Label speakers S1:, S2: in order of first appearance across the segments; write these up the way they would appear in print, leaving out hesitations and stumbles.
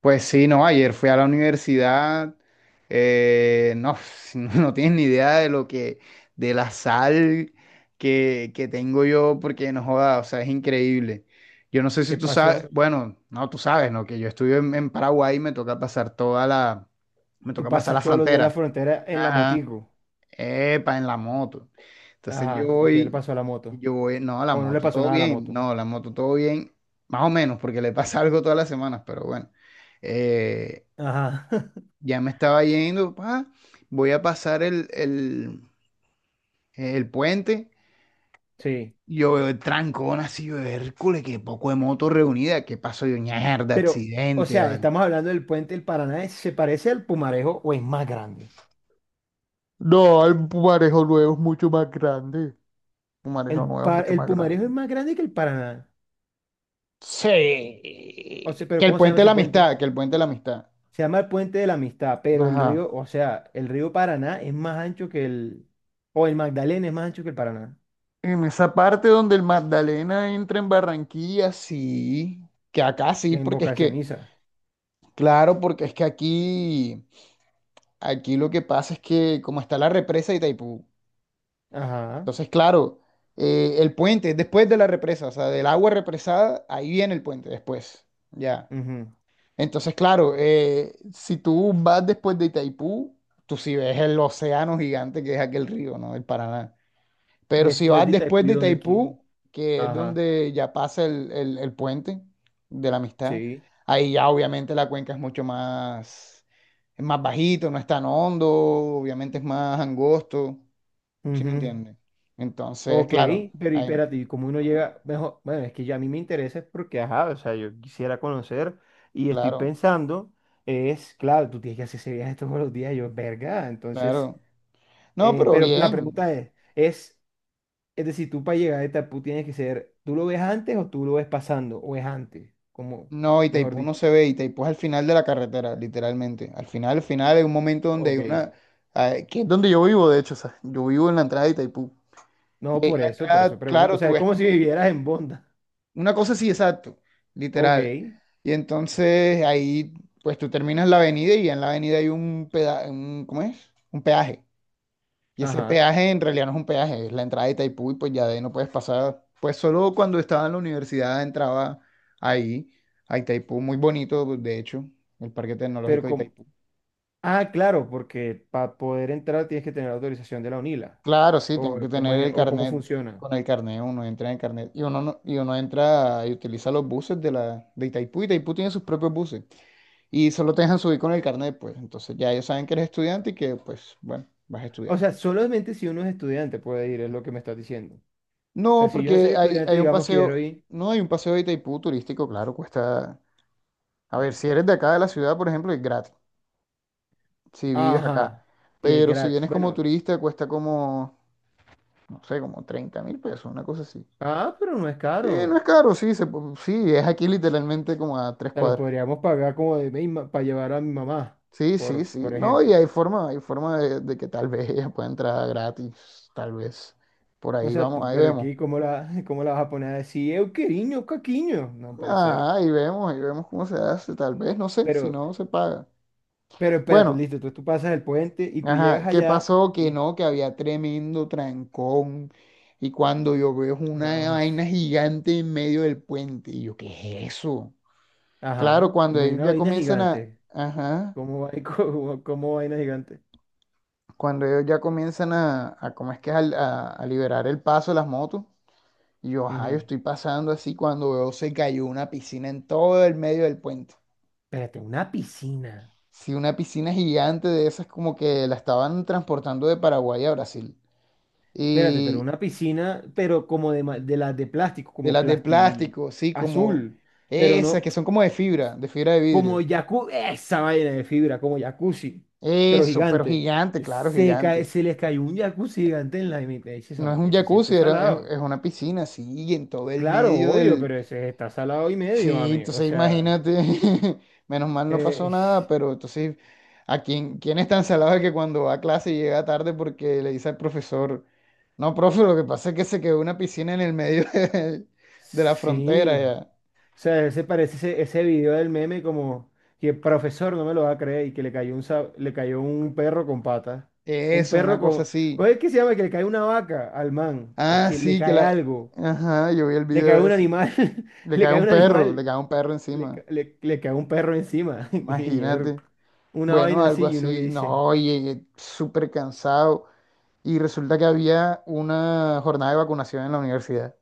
S1: Pues sí, no, ayer fui a la universidad, no, no tienes ni idea de lo que, de la sal que tengo yo, porque no joda, o sea, es increíble. Yo no sé si
S2: ¿Qué
S1: tú sabes,
S2: pasó?
S1: bueno, no, tú sabes, ¿no? Que yo estuve en Paraguay y me
S2: Tú
S1: toca pasar la
S2: pasas todos los días la
S1: frontera.
S2: frontera en la
S1: Ajá.
S2: motico.
S1: Epa, en la moto. Entonces yo
S2: Ajá. ¿Y qué le
S1: voy,
S2: pasó a la moto?
S1: yo voy, no, la
S2: O no le
S1: moto
S2: pasó
S1: todo
S2: nada a la
S1: bien,
S2: moto.
S1: no, la moto todo bien, más o menos, porque le pasa algo todas las semanas, pero bueno. Eh,
S2: Ajá.
S1: ya me estaba yendo, voy a pasar el puente.
S2: Sí.
S1: Yo veo el trancón así, yo, Hércules, qué poco de moto reunida, qué pasó, yo, mierda,
S2: Pero, o
S1: accidente,
S2: sea,
S1: vale.
S2: estamos hablando del puente del Paraná. ¿Se parece al Pumarejo o es más grande?
S1: No, el marejo nuevo es mucho más grande. Un marejo
S2: El,
S1: nuevo es mucho
S2: el
S1: más grande.
S2: Pumarejo es más grande que el Paraná. O sea,
S1: Sí. Que
S2: pero
S1: el
S2: ¿cómo se llama
S1: puente de la
S2: ese puente?
S1: amistad, que el puente de la amistad.
S2: Se llama el puente de la amistad, pero el
S1: Ajá.
S2: río, o sea, el río Paraná es más ancho que el... O el Magdalena es más ancho que el Paraná,
S1: En esa parte donde el Magdalena entra en Barranquilla, sí. Que acá
S2: que
S1: sí,
S2: en
S1: porque es
S2: Boca
S1: que,
S2: Ceniza.
S1: claro, porque es que aquí lo que pasa es que como está la represa de Itaipú,
S2: Ajá,
S1: entonces, claro, el puente es después de la represa, o sea, del agua represada, ahí viene el puente después. Ya.
S2: ujú.
S1: Entonces, claro, si tú vas después de Itaipú, tú sí ves el océano gigante que es aquel río, ¿no? El Paraná. Pero si
S2: Después
S1: vas
S2: de
S1: después
S2: Itaipu y
S1: de
S2: donde quiera.
S1: Itaipú, que es donde ya pasa el puente de la amistad,
S2: Sí,
S1: ahí ya obviamente la cuenca es mucho más, es más bajito, no es tan hondo, obviamente es más angosto, ¿sí me
S2: ujú.
S1: entiendes? Entonces,
S2: Ok,
S1: claro,
S2: pero y espérate, ¿y cómo uno
S1: ujú,
S2: llega? Mejor, bueno, es que ya a mí me interesa es porque, ajá, o sea, yo quisiera conocer y estoy
S1: claro,
S2: pensando, es, claro, tú tienes que hacer ese viaje todos los días, yo, verga, entonces,
S1: claro. No, pero
S2: pero la
S1: bien.
S2: pregunta es decir, tú para llegar a esta, tú tienes que ser, ¿tú lo ves antes o tú lo ves pasando? ¿O es antes? Como,
S1: No,
S2: mejor
S1: Itaipú
S2: dicho,
S1: no se ve, Itaipú es al final de la carretera, literalmente. Al final, hay un momento donde hay
S2: ok.
S1: una... Ah, que es donde yo vivo, de hecho, o sea, yo vivo en la entrada de Itaipú.
S2: No,
S1: Y ahí en la
S2: por eso
S1: entrada,
S2: pregunto, o
S1: claro,
S2: sea,
S1: tú
S2: es
S1: ves
S2: como
S1: como
S2: si vivieras en Bonda.
S1: una cosa así, exacto,
S2: Ok,
S1: literal. Y entonces ahí, pues tú terminas la avenida y en la avenida hay un un, ¿cómo es? Un peaje. Y ese
S2: ajá,
S1: peaje en realidad no es un peaje, es la entrada de Itaipú y pues ya de ahí no puedes pasar. Pues solo cuando estaba en la universidad entraba ahí, a Itaipú, muy bonito, de hecho, el Parque
S2: pero
S1: Tecnológico de
S2: como...
S1: Itaipú.
S2: Ah, claro, porque para poder entrar tienes que tener autorización de la UNILA.
S1: Claro, sí, tengo
S2: O
S1: que
S2: cómo
S1: tener
S2: es,
S1: el
S2: o cómo
S1: carnet.
S2: funciona.
S1: Con el carnet uno entra en el carnet y uno, no- y uno entra y utiliza los buses de, la, de Itaipú. Itaipú tiene sus propios buses y solo te dejan subir con el carnet, pues. Entonces ya ellos saben que eres estudiante y que, pues, bueno, vas a
S2: O
S1: estudiar.
S2: sea, solamente si uno es estudiante puede ir, es lo que me estás diciendo. O sea,
S1: No,
S2: si yo no soy
S1: porque hay,
S2: estudiante,
S1: hay un
S2: digamos, quiero
S1: paseo,
S2: ir.
S1: no hay un paseo de Itaipú turístico, claro, cuesta. A ver, si eres de acá de la ciudad, por ejemplo, es gratis, si vives acá.
S2: Ajá, y es
S1: Pero si
S2: gratis.
S1: vienes como
S2: Bueno,
S1: turista, cuesta como, no sé, como 30.000 pesos, una cosa así.
S2: ah, pero no es
S1: Sí, no
S2: caro.
S1: es caro, sí, sí, es aquí literalmente como a tres
S2: Te lo
S1: cuadras.
S2: podríamos pagar como de para llevar a mi mamá,
S1: Sí, sí, sí.
S2: por
S1: No, y
S2: ejemplo.
S1: hay forma de que tal vez ella pueda entrar gratis, tal vez. Por
S2: O
S1: ahí
S2: sea,
S1: vamos,
S2: tú,
S1: ahí
S2: pero
S1: vemos.
S2: aquí, ¿cómo la, cómo la vas a poner a decir, eu queriño, caquiño? No puede ser.
S1: Ah, ahí vemos cómo se hace, tal vez, no sé, si
S2: Pero
S1: no se paga.
S2: Pero espérate,
S1: Bueno.
S2: listo, entonces tú pasas el puente y tú llegas
S1: Ajá, ¿qué
S2: allá
S1: pasó? Que
S2: y...
S1: no, que había tremendo trancón. Y cuando yo veo es una
S2: ah,
S1: vaina gigante en medio del puente, y yo, ¿qué es eso? Claro,
S2: ajá,
S1: cuando
S2: ve
S1: ellos
S2: una
S1: ya
S2: vaina
S1: comienzan a,
S2: gigante.
S1: ajá,
S2: ¿Cómo, cómo, cómo vaina gigante?
S1: cuando ellos ya comienzan a, ¿cómo es que es? A liberar el paso de las motos, y yo, ajá, yo
S2: Ujú.
S1: estoy pasando así cuando veo se cayó una piscina en todo el medio del puente.
S2: Espérate, una piscina.
S1: Sí, una piscina gigante de esas como que la estaban transportando de Paraguay a Brasil.
S2: Espérate, pero una piscina, pero como de, de las de plástico,
S1: De
S2: como
S1: las de
S2: plasti
S1: plástico, sí, como
S2: azul, pero
S1: esas
S2: no
S1: que son como de fibra, de fibra de
S2: como
S1: vidrio.
S2: jacuzzi, esa vaina de fibra, como jacuzzi, pero
S1: Eso, pero
S2: gigante.
S1: gigante, claro,
S2: Se, cae,
S1: gigante.
S2: se les cayó un jacuzzi gigante en la mitad.
S1: No es un
S2: Eso, sí
S1: jacuzzi,
S2: es
S1: era- es,
S2: salado.
S1: es una piscina, sí, en todo el
S2: Claro,
S1: medio
S2: obvio,
S1: del...
S2: pero ese está salado y medio,
S1: Sí,
S2: mami. O
S1: entonces
S2: sea,
S1: imagínate, menos mal no pasó
S2: eh,
S1: nada, pero entonces, ¿a quién es tan salado que cuando va a clase llega tarde porque le dice al profesor, no, profe, lo que pasa es que se quedó una piscina en el medio de, la
S2: sí.
S1: frontera, ya.
S2: O sea, ese parece ese, ese video del meme como que el profesor no me lo va a creer y que le cayó un, le cayó un perro con patas. Un
S1: Eso, una
S2: perro
S1: cosa
S2: con...
S1: así.
S2: ¿Cómo es que se llama? Que le cae una vaca al man. Es
S1: Ah,
S2: que le
S1: sí, que
S2: cae
S1: la...
S2: algo.
S1: Ajá, yo vi el
S2: Le cae
S1: video
S2: un
S1: ese.
S2: animal.
S1: Le
S2: Le
S1: cae
S2: cae
S1: un
S2: un
S1: perro, le
S2: animal.
S1: cae un perro
S2: Le,
S1: encima.
S2: le, le cae un perro encima. Y es
S1: Imagínate.
S2: una
S1: Bueno,
S2: vaina
S1: algo
S2: así y uno que
S1: así.
S2: dice.
S1: No, llegué súper cansado. Y resulta que había una jornada de vacunación en la universidad.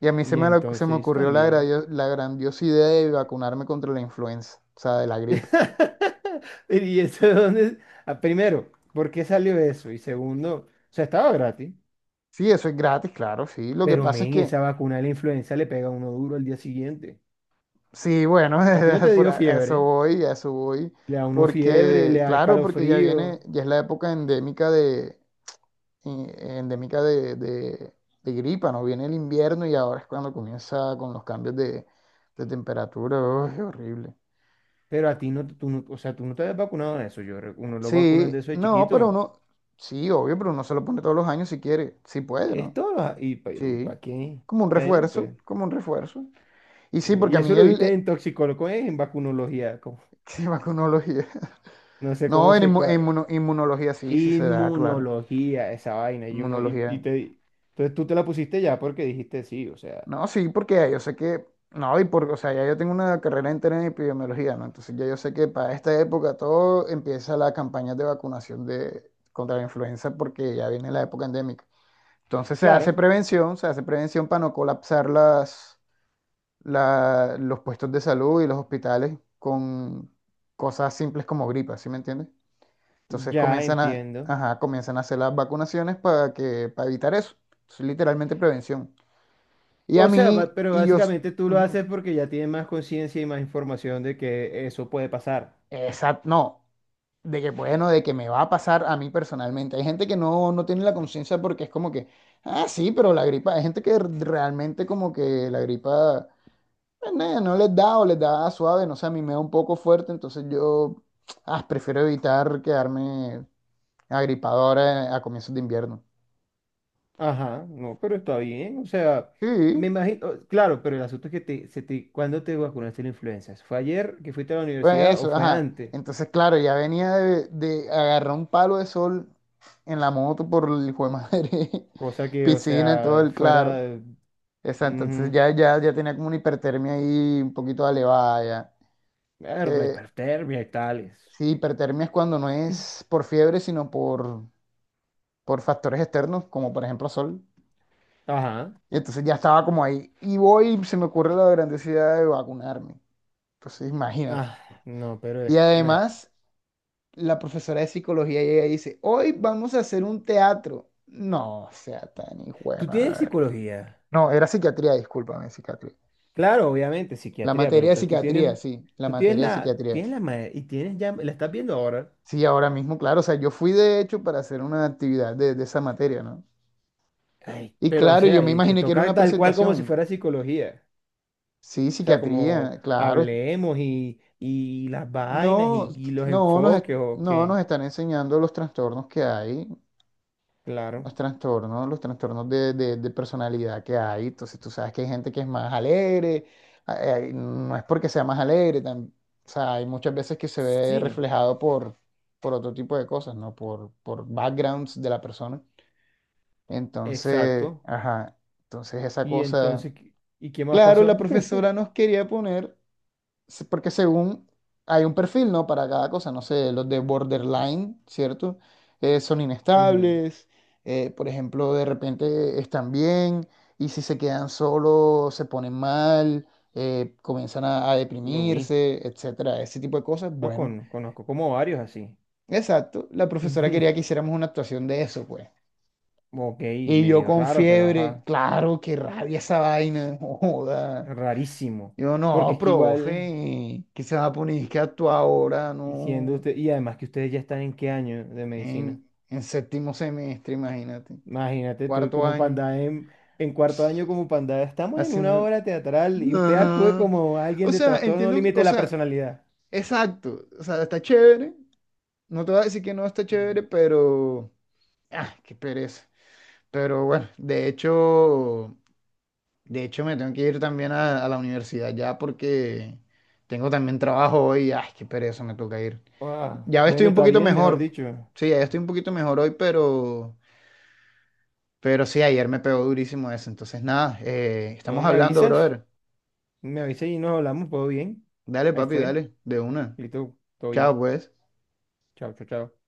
S1: Y a mí
S2: Y
S1: se me
S2: entonces
S1: ocurrió la,
S2: también.
S1: gradio- la grandiosa idea de vacunarme contra la influenza, o sea, de la gripe.
S2: Y eso de dónde, ah, primero, ¿por qué salió eso? Y segundo, o sea, estaba gratis,
S1: Sí, eso es gratis, claro, sí. Lo que
S2: pero
S1: pasa es
S2: men,
S1: que,
S2: esa vacuna de la influenza le pega a uno duro al día siguiente.
S1: sí, bueno,
S2: A ti no te
S1: por
S2: dio
S1: a
S2: fiebre,
S1: eso voy, a eso voy.
S2: le da uno fiebre, le
S1: Porque,
S2: da
S1: claro, porque ya viene,
S2: escalofrío,
S1: ya es la época endémica de, y- endémica de, de- de gripa, ¿no? Viene el invierno y ahora es cuando comienza con los cambios de temperatura. Uy, qué horrible.
S2: pero a ti no, tú no, o sea, tú no te has vacunado de eso. Yo, uno lo vacunan de
S1: Sí,
S2: eso de
S1: no, pero
S2: chiquito.
S1: uno, sí, obvio, pero uno se lo pone todos los años si quiere, si puede, ¿no?
S2: Esto, y
S1: Sí,
S2: ¿para qué?
S1: como un
S2: Bueno,
S1: refuerzo,
S2: pues,
S1: como un refuerzo. Y sí, porque
S2: y
S1: a
S2: eso
S1: mí
S2: lo viste en toxicología, en vacunología, como,
S1: sí, vacunología.
S2: no sé
S1: No,
S2: cómo
S1: en
S2: se,
S1: inmu- en inmuno- inmunología sí, sí se da, claro.
S2: inmunología, esa vaina, y uno, y
S1: Inmunología.
S2: te, entonces tú te la pusiste ya porque dijiste sí, o sea,
S1: No, sí, porque ya yo sé que, no, y porque, o sea, ya yo tengo una carrera entera en epidemiología, ¿no? Entonces ya yo sé que para esta época todo empieza la campaña de vacunación contra la influenza porque ya viene la época endémica. Entonces
S2: claro,
S1: se hace prevención para no colapsar los puestos de salud y los hospitales con cosas simples como gripa, ¿sí me entiendes? Entonces
S2: ya
S1: comienzan a,
S2: entiendo.
S1: ajá, comienzan a hacer las vacunaciones para para evitar eso. Es literalmente prevención. Y a
S2: O sea,
S1: mí,
S2: pero
S1: y
S2: básicamente tú lo
S1: ujú.
S2: haces porque ya tienes más conciencia y más información de que eso puede pasar.
S1: Exacto, no, de que bueno, de que me va a pasar a mí personalmente. Hay gente que no tiene la conciencia porque es como que, ah, sí, pero la gripa, hay gente que realmente como que la gripa pues, no, les da o les da suave, no sé, a mí me da un poco fuerte, entonces yo ah, prefiero evitar quedarme agripado ahora a comienzos de invierno.
S2: Ajá, no, pero está bien, o sea,
S1: Sí,
S2: me imagino, claro, pero el asunto es que te, se te, ¿cuándo te vacunaste la influenza? ¿Fue ayer que fuiste a la
S1: pues
S2: universidad o
S1: eso,
S2: fue
S1: ajá.
S2: antes?
S1: Entonces, claro, ya venía de, agarrar un palo de sol en la moto por el hijo de madre,
S2: Cosa que, o
S1: piscina, en todo
S2: sea,
S1: el claro.
S2: fuera,
S1: Esa, entonces
S2: ujú,
S1: ya tenía como una hipertermia ahí un poquito elevada ya.
S2: la
S1: Eh,
S2: hipertermia y tales.
S1: sí, hipertermia es cuando no es por fiebre, sino por, factores externos, como por ejemplo sol.
S2: Ajá.
S1: Y entonces ya estaba como ahí. Y voy, y se me ocurre la grandiosidad de vacunarme. Entonces imagínate.
S2: Ah, no, pero
S1: Y
S2: es, bueno,
S1: además, la profesora de psicología llega y dice, hoy vamos a hacer un teatro. No, sea tan hijo de
S2: tú tienes
S1: madre.
S2: psicología,
S1: No, era psiquiatría, discúlpame, psiquiatría.
S2: claro, obviamente,
S1: La
S2: psiquiatría, pero
S1: materia de
S2: entonces
S1: psiquiatría, sí, la
S2: tú
S1: materia de psiquiatría.
S2: tienes la y tienes ya, la estás viendo ahora,
S1: Sí, ahora mismo, claro. O sea, yo fui de hecho para hacer una actividad de esa materia, ¿no?
S2: ay,
S1: Y
S2: pero o
S1: claro, yo
S2: sea,
S1: me
S2: y te
S1: imaginé que era
S2: toca
S1: una
S2: tal cual como si
S1: presentación.
S2: fuera psicología,
S1: Sí,
S2: o sea, como
S1: psiquiatría, claro.
S2: hablemos y las vainas
S1: No,
S2: y los
S1: no nos, es-
S2: enfoques o
S1: no nos
S2: qué,
S1: están enseñando los trastornos que hay,
S2: claro,
S1: los trastornos de personalidad que hay. Entonces, tú sabes que hay gente que es más alegre, no es porque sea más alegre, o sea, hay muchas veces que se ve
S2: sí,
S1: reflejado por, otro tipo de cosas, ¿no? Por backgrounds de la persona. Entonces,
S2: exacto,
S1: ajá, entonces esa
S2: y
S1: cosa,
S2: entonces, ¿qué, ¿y qué más
S1: claro,
S2: pasó?
S1: la profesora nos quería poner, porque según hay un perfil, ¿no? Para cada cosa, no sé, los de borderline, ¿cierto? Son
S2: Ujú,
S1: inestables, por ejemplo, de repente están bien y si se quedan solos se ponen mal, comienzan a,
S2: lo vi,
S1: deprimirse, etcétera, ese tipo de cosas.
S2: no,
S1: Bueno,
S2: conozco como varios así.
S1: exacto, la profesora quería que hiciéramos una actuación de eso, pues.
S2: Ok,
S1: Y yo
S2: medio
S1: con
S2: raro, pero
S1: fiebre,
S2: ajá,
S1: claro, qué rabia esa vaina, joda.
S2: rarísimo.
S1: Yo
S2: Porque
S1: no,
S2: es que igual,
S1: profe, que se va a poner
S2: y
S1: que actúa ahora,
S2: siendo
S1: no,
S2: usted, y además que ustedes ya están en qué año de medicina.
S1: en séptimo semestre, imagínate,
S2: Imagínate, tú
S1: cuarto
S2: como
S1: año,
S2: panda en 4.º año como panda, estamos en una
S1: haciendo...
S2: obra teatral y usted actúe
S1: Ajá.
S2: como alguien
S1: O
S2: de
S1: sea,
S2: trastorno
S1: entiendo,
S2: límite de
S1: o
S2: la
S1: sea,
S2: personalidad.
S1: exacto, o sea, está chévere, no te voy a decir que no está chévere,
S2: Mm.
S1: pero... Ah, qué pereza. Pero bueno, de hecho. De hecho, me tengo que ir también a, la universidad ya porque tengo también trabajo hoy. Ay, qué pereza, me toca ir.
S2: Ah,
S1: Ya estoy
S2: bueno,
S1: un
S2: está
S1: poquito
S2: bien, mejor
S1: mejor.
S2: dicho.
S1: Sí, ya estoy un poquito mejor hoy, pero, sí, ayer me pegó durísimo eso. Entonces, nada,
S2: No
S1: estamos
S2: me
S1: hablando,
S2: avisas,
S1: brother.
S2: me avisas y nos hablamos, todo bien.
S1: Dale,
S2: Ahí
S1: papi,
S2: fue,
S1: dale, de una.
S2: listo, todo
S1: Chao,
S2: bien.
S1: pues.
S2: Chao, chao, chao.